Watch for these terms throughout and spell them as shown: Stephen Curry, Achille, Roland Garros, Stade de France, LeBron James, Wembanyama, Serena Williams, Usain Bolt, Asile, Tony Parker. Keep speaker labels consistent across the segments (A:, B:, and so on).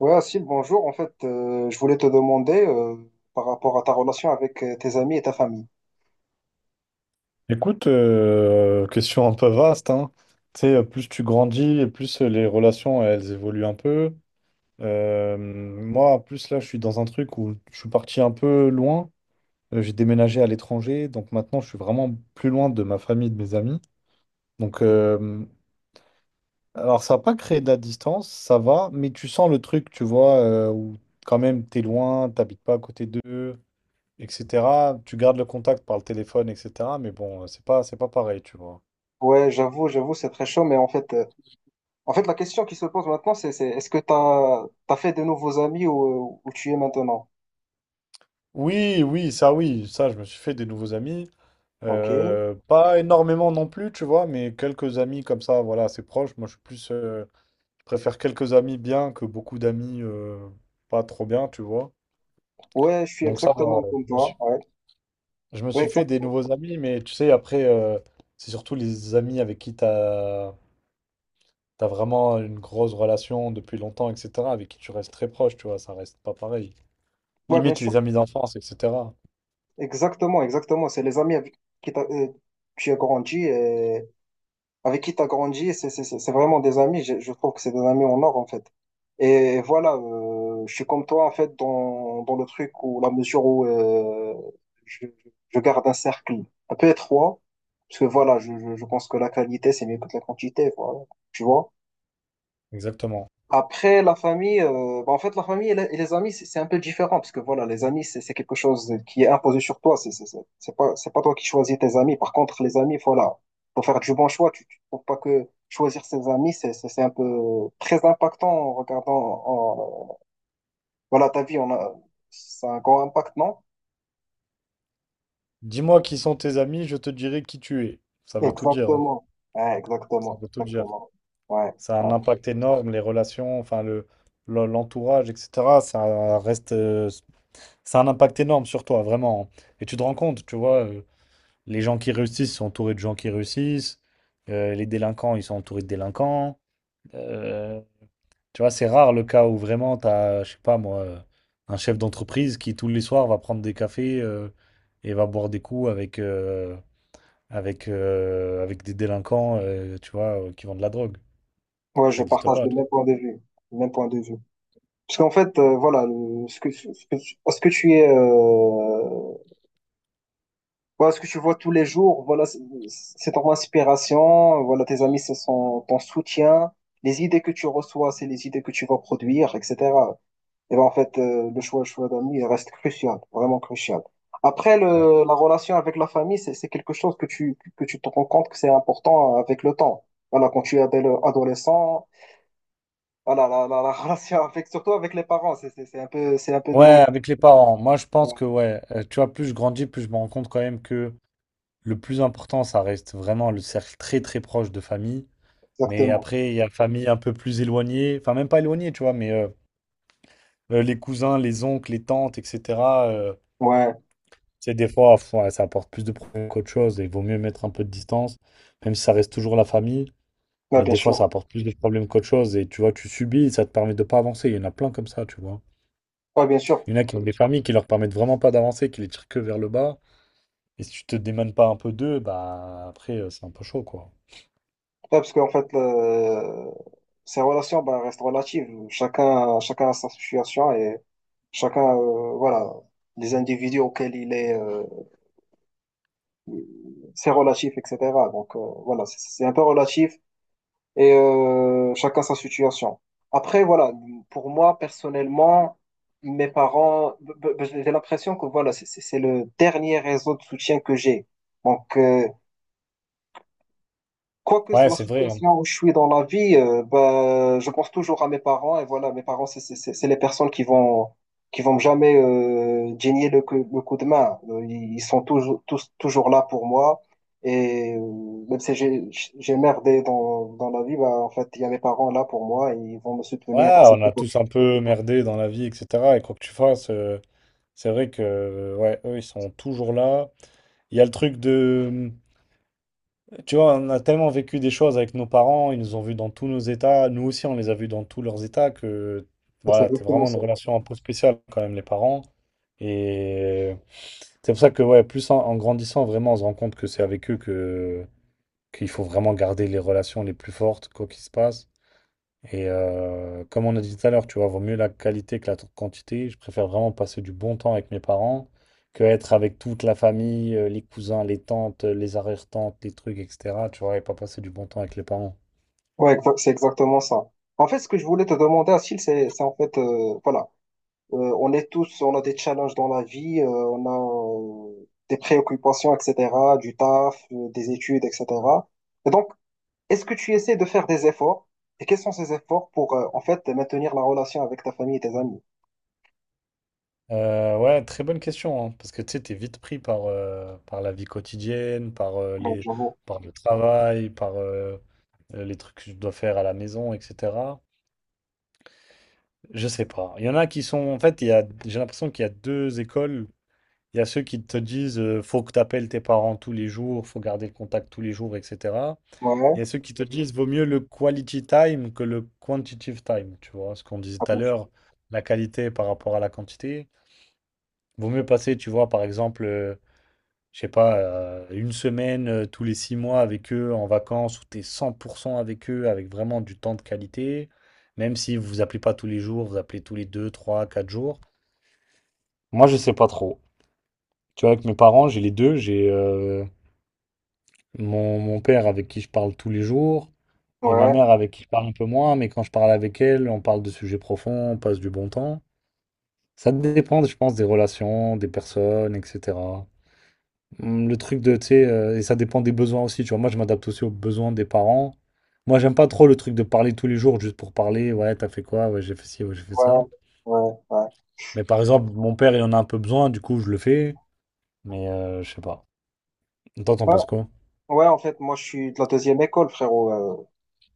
A: Ouais, Asile, bonjour. En fait, je voulais te demander par rapport à ta relation avec tes amis et ta famille.
B: Écoute, question un peu vaste, hein. Tu sais, plus tu grandis, et plus les relations, elles évoluent un peu. Moi, plus là, je suis dans un truc où je suis parti un peu loin. J'ai déménagé à l'étranger, donc maintenant, je suis vraiment plus loin de ma famille, de mes amis. Donc, alors, ça n'a pas créé de la distance, ça va, mais tu sens le truc, tu vois, où quand même, t'es loin, t'habites pas à côté d'eux, etc. Tu gardes le contact par le téléphone, etc. Mais bon, c'est pas pareil, tu vois.
A: Ouais, j'avoue, j'avoue, c'est très chaud, mais en fait, la question qui se pose maintenant, c'est, est-ce que t'as fait de nouveaux amis où, où tu es maintenant?
B: Oui, oui, ça je me suis fait des nouveaux amis.
A: Ok.
B: Pas énormément non plus, tu vois, mais quelques amis comme ça, voilà, assez proches. Moi je suis plus, je préfère quelques amis bien que beaucoup d'amis pas trop bien, tu vois.
A: Ouais, je suis
B: Donc ça va,
A: exactement comme
B: je me
A: toi.
B: suis,
A: Ouais.
B: je me
A: Ouais,
B: suis fait
A: exact-
B: des nouveaux amis, mais tu sais, après, c'est surtout les amis avec qui t'as vraiment une grosse relation depuis longtemps, etc., avec qui tu restes très proche, tu vois, ça reste pas pareil.
A: ouais, bien
B: Limite
A: sûr.
B: les amis d'enfance, etc.
A: Exactement, exactement. C'est les amis avec qui t'as- euh, tu as grandi. Avec qui tu as grandi, c'est vraiment des amis. Je trouve que c'est des amis en or, en fait. Et voilà, je suis comme toi, en fait, dans le truc où, la mesure où je, je garde un cercle un peu étroit, parce que voilà, je pense que la qualité, c'est mieux que la quantité, voilà, tu vois.
B: Exactement.
A: Après, la famille, bah, en fait, la famille et et les amis, c'est un peu différent parce que voilà, les amis, c'est quelque chose qui est imposé sur toi. C'est pas, c'est pas toi qui choisis tes amis. Par contre, les amis, voilà, faut faire du bon choix. Tu faut pas que choisir ses amis, c'est un peu très impactant en regardant, en- voilà, ta vie, on a, c'est un grand impact, non?
B: Dis-moi qui sont tes amis, je te dirai qui tu es. Ça veut tout dire, hein.
A: Exactement. Ouais,
B: Ça
A: exactement,
B: veut tout dire.
A: exactement. Ouais,
B: Ça a
A: ouais.
B: un impact énorme, les relations, enfin le, l'entourage, etc. Ça a un impact énorme sur toi, vraiment, hein. Et tu te rends compte, tu vois, les gens qui réussissent sont entourés de gens qui réussissent. Les délinquants, ils sont entourés de délinquants. Euh, Tu vois, c'est rare le cas où vraiment t'as, je sais pas moi, un chef d'entreprise qui tous les soirs va prendre des cafés et va boire des coups avec des délinquants, tu vois, qui vendent de la drogue.
A: Ouais, je
B: Ça n'existe
A: partage
B: pas.
A: le même point de vue, le même point de vue. Parce qu'en fait, voilà, ce que tu es, voilà, ce que tu vois tous les jours, voilà, c'est ton inspiration, voilà, tes amis, ce sont ton soutien, les idées que tu reçois, c'est les idées que tu vas produire, etc. Et ben, en fait, le choix d'amis, il reste crucial, vraiment crucial. Après,
B: Ouais.
A: la relation avec la famille, c'est quelque chose que tu te rends compte que c'est important avec le temps. Voilà, quand tu es adolescent, voilà, la relation avec, surtout avec les parents, c'est un peu
B: Ouais,
A: délicat.
B: avec les parents. Moi, je pense que, ouais, tu vois, plus je grandis, plus je me rends compte quand même que le plus important, ça reste vraiment le cercle très, très proche de famille. Mais
A: Exactement.
B: après, il y a famille un peu plus éloignée, enfin, même pas éloignée, tu vois, mais les cousins, les oncles, les tantes, etc. euh,
A: Ouais,
B: Tu sais, des fois, ouais, ça apporte plus de problèmes qu'autre chose et il vaut mieux mettre un peu de distance, même si ça reste toujours la famille.
A: ouais,
B: Mais
A: bien
B: des fois,
A: sûr.
B: ça apporte plus de problèmes qu'autre chose. Et tu vois, tu subis et ça te permet de pas avancer. Il y en a plein comme ça, tu vois.
A: Ouais, bien sûr.
B: Il y en a qui ont des familles qui leur permettent vraiment pas d'avancer, qui les tirent que vers le bas. Et si tu te démènes pas un peu d'eux, bah après, c'est un peu chaud, quoi.
A: Ouais, parce qu'en fait, ces relations bah, restent relatives. Chacun a sa situation et chacun, voilà, les individus auxquels il est, c'est relatif, etc. Donc, voilà, c'est un peu relatif et chacun sa situation. Après, voilà, pour moi, personnellement, mes parents, j'ai l'impression que voilà, c'est le dernier réseau de soutien que j'ai. Donc, quoique
B: Ouais,
A: la
B: c'est vrai, hein.
A: situation où je suis dans la vie, bah, je pense toujours à mes parents. Et voilà, mes parents, c'est les personnes qui vont jamais gêner le coup de main. Ils sont toujours, tous, toujours là pour moi. Et même si j'ai merdé dans la vie, bah, en fait, il y a mes parents là pour moi et ils vont me
B: Ouais,
A: soutenir,
B: on a
A: etc.
B: tous un peu merdé dans la vie, etc. Et quoi que tu fasses, c'est vrai que, ouais, eux, ils sont toujours là. Il y a le truc de. Tu vois, on a tellement vécu des choses avec nos parents, ils nous ont vus dans tous nos états, nous aussi on les a vus dans tous leurs états, que
A: C'est
B: voilà, c'est
A: exactement
B: vraiment une
A: ça.
B: relation un peu spéciale quand même, les parents. Et c'est pour ça que, ouais, plus en grandissant, vraiment, on se rend compte que c'est avec eux que qu'il faut vraiment garder les relations les plus fortes, quoi qu'il se passe. Et comme on a dit tout à l'heure, tu vois, vaut mieux la qualité que quantité. Je préfère vraiment passer du bon temps avec mes parents que être avec toute la famille, les cousins, les tantes, les arrière-tantes, les trucs, etc. Tu vois, et pas passer du bon temps avec les parents.
A: C'est exactement ça. En fait, ce que je voulais te demander, Achille, c'est en fait, voilà. On est tous, on a des challenges dans la vie, on a des préoccupations, etc., du taf, des études, etc. Et donc, est-ce que tu essaies de faire des efforts? Et quels sont ces efforts pour, en fait, maintenir la relation avec ta famille et tes amis?
B: Ouais, très bonne question, hein, parce que tu sais, t'es vite pris par la vie quotidienne, par, euh,
A: Ouais,
B: les,
A: j'avoue.
B: par le travail, par les trucs que je dois faire à la maison, etc. Je sais pas. Il y en a qui sont, en fait, j'ai l'impression qu'il y a deux écoles. Il y a ceux qui te disent faut que tu appelles tes parents tous les jours, faut garder le contact tous les jours, etc. Il
A: Ouais,
B: y a ceux qui te disent vaut mieux le quality time que le quantitative time, tu vois, ce qu'on disait
A: ah,
B: tout à
A: bien sûr.
B: l'heure, la qualité par rapport à la quantité. Vaut mieux passer, tu vois, par exemple, je sais pas, une semaine tous les 6 mois avec eux en vacances où tu es 100% avec eux, avec vraiment du temps de qualité, même si vous vous appelez pas tous les jours, vous appelez tous les 2, 3, 4 jours. Moi, je sais pas trop. Tu vois, avec mes parents, j'ai les deux, mon père avec qui je parle tous les jours, et ma
A: Ouais,
B: mère avec qui je parle un peu moins, mais quand je parle avec elle, on parle de sujets profonds, on passe du bon temps. Ça dépend, je pense, des relations, des personnes, etc. Le truc de, tu sais, et ça dépend des besoins aussi, tu vois. Moi, je m'adapte aussi aux besoins des parents. Moi, j'aime pas trop le truc de parler tous les jours juste pour parler, ouais, t'as fait quoi, ouais, j'ai fait ci, ouais, j'ai fait ça.
A: ouais, ouais, ouais.
B: Mais par exemple, mon père, il en a un peu besoin, du coup, je le fais, mais je sais pas. Toi, t'en
A: Ouais,
B: penses quoi?
A: ouais, en fait, moi, je suis de la deuxième école, frérot. euh,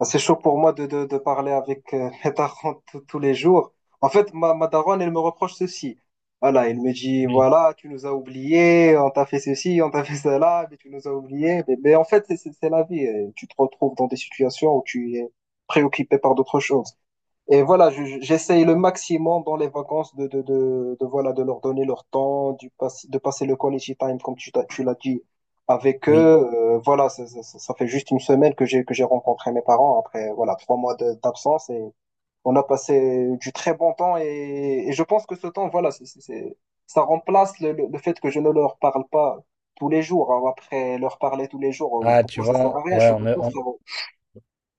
A: Ah, C'est chaud pour moi de, de parler avec mes darons tous les jours. En fait, ma daronne, elle me reproche ceci. Voilà, elle me dit,
B: Oui.
A: voilà, tu nous as oubliés, on t'a fait ceci, on t'a fait cela, mais tu nous as oubliés. Mais en fait, c'est la vie. Tu te retrouves dans des situations où tu es préoccupé par d'autres choses. Et voilà, j'essaye le maximum dans les vacances voilà, de leur donner leur temps, de passer le quality time, comme tu l'as dit, avec eux.
B: Oui.
A: Voilà, ça fait juste une semaine que que j'ai rencontré mes parents après, voilà, trois mois d'absence et on a passé du très bon temps et je pense que ce temps, voilà, ça remplace le fait que je ne leur parle pas tous les jours. Hein. Après leur parler tous les jours,
B: Ah, tu
A: pourquoi ça sert
B: vois,
A: à rien? Je
B: ouais,
A: suis pas
B: on est, on
A: sûr.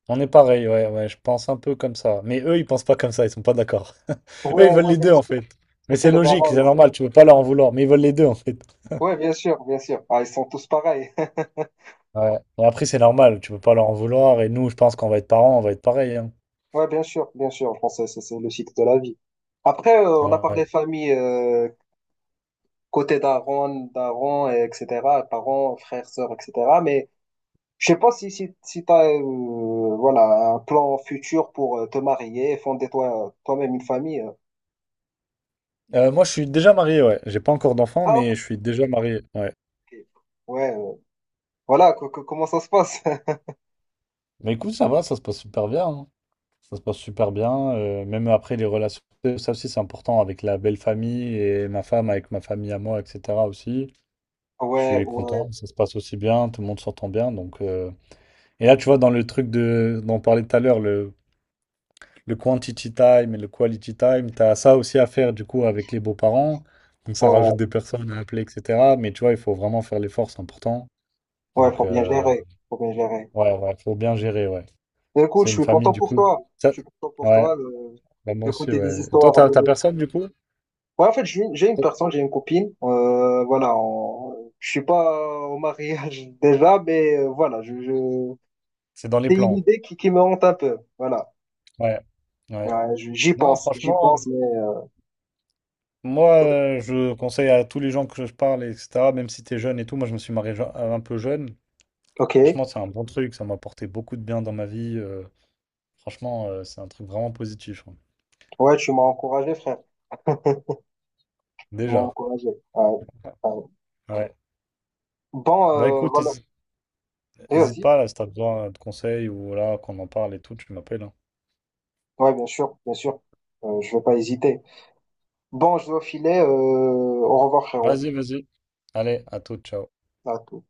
B: On est pareil, ouais, ouais, je pense un peu comme ça. Mais eux, ils pensent pas comme ça, ils sont pas d'accord. Eux, ils
A: Ouais,
B: veulent
A: ouais,
B: les
A: bien
B: deux, en
A: sûr,
B: fait. Mais
A: c'est
B: c'est
A: les
B: logique, c'est
A: parents.
B: normal, tu peux pas leur en vouloir, mais ils veulent les deux, en fait.
A: Ouais, bien sûr, bien sûr. Ah, ils sont tous pareils.
B: Ouais. Et après, c'est normal, tu peux pas leur en vouloir, et nous, je pense qu'on va être parents, on va être pareil, hein.
A: Ouais, bien sûr, bien sûr. En français, c'est le cycle de la vie. Après, on a
B: Ouais.
A: parlé famille, côté daron, daron, et etc., parents, frères, sœurs, etc. Mais je sais pas si tu as voilà, un plan futur pour te marier, fonder toi, toi-même une famille. Euh.
B: Moi, je suis déjà marié, ouais. J'ai pas encore d'enfant,
A: Ah, ok.
B: mais je suis déjà marié, ouais.
A: Ouais, voilà, comment ça se passe?
B: Mais écoute, ça va, ça se passe super bien, hein. Ça se passe super bien, même après les relations, ça aussi, c'est important, avec la belle famille, et ma femme, avec ma famille à moi, etc., aussi. Je
A: Ouais,
B: suis content, ça se passe aussi bien, tout le monde s'entend bien. Et là, tu vois, dans le truc dont on parlait tout à l'heure, le quantity time et le quality time, tu as ça aussi à faire du coup avec les beaux-parents. Donc ça rajoute
A: ouais,
B: des personnes à appeler, etc. Mais tu vois, il faut vraiment faire l'effort, c'est important.
A: ouais,
B: Donc
A: faut bien gérer, faut bien gérer.
B: ouais, ouais, faut bien gérer, ouais.
A: Mais écoute,
B: C'est
A: je
B: une
A: suis
B: famille
A: content
B: du
A: pour
B: coup.
A: toi. Je
B: Ça-
A: suis content pour
B: Ouais,
A: toi.
B: bah, moi aussi,
A: Écouter des
B: ouais. Et toi,
A: histoires.
B: t'as t'as personne du coup?
A: Ouais, en fait, j'ai une personne, j'ai une copine. Voilà, je suis pas au mariage déjà, mais voilà, je...
B: C'est dans les
A: c'est une
B: plans.
A: idée qui me hante un peu. Voilà,
B: Ouais, ouais.
A: ouais,
B: Non,
A: j'y
B: franchement.
A: pense, mais
B: Moi, je conseille à tous les gens que je parle, etc., même si t'es jeune et tout, moi je me suis marié un peu jeune.
A: ok.
B: Franchement, c'est un bon truc, ça m'a apporté beaucoup de bien dans ma vie. Franchement, c'est un truc vraiment positif, hein.
A: Ouais, tu m'as encouragé, frère. Tu m'as
B: Déjà.
A: encouragé. Ouais, ouais.
B: Ouais.
A: Bon,
B: Bah écoute,
A: voilà. Et
B: n'hésite
A: vas-y.
B: pas là, si t'as besoin de conseils ou là, qu'on en parle et tout, tu m'appelles, hein.
A: Ouais, bien sûr, bien sûr. Je vais pas hésiter. Bon, je dois filer. Au revoir, frérot.
B: Vas-y, vas-y. Allez, à tout, ciao.
A: À tout.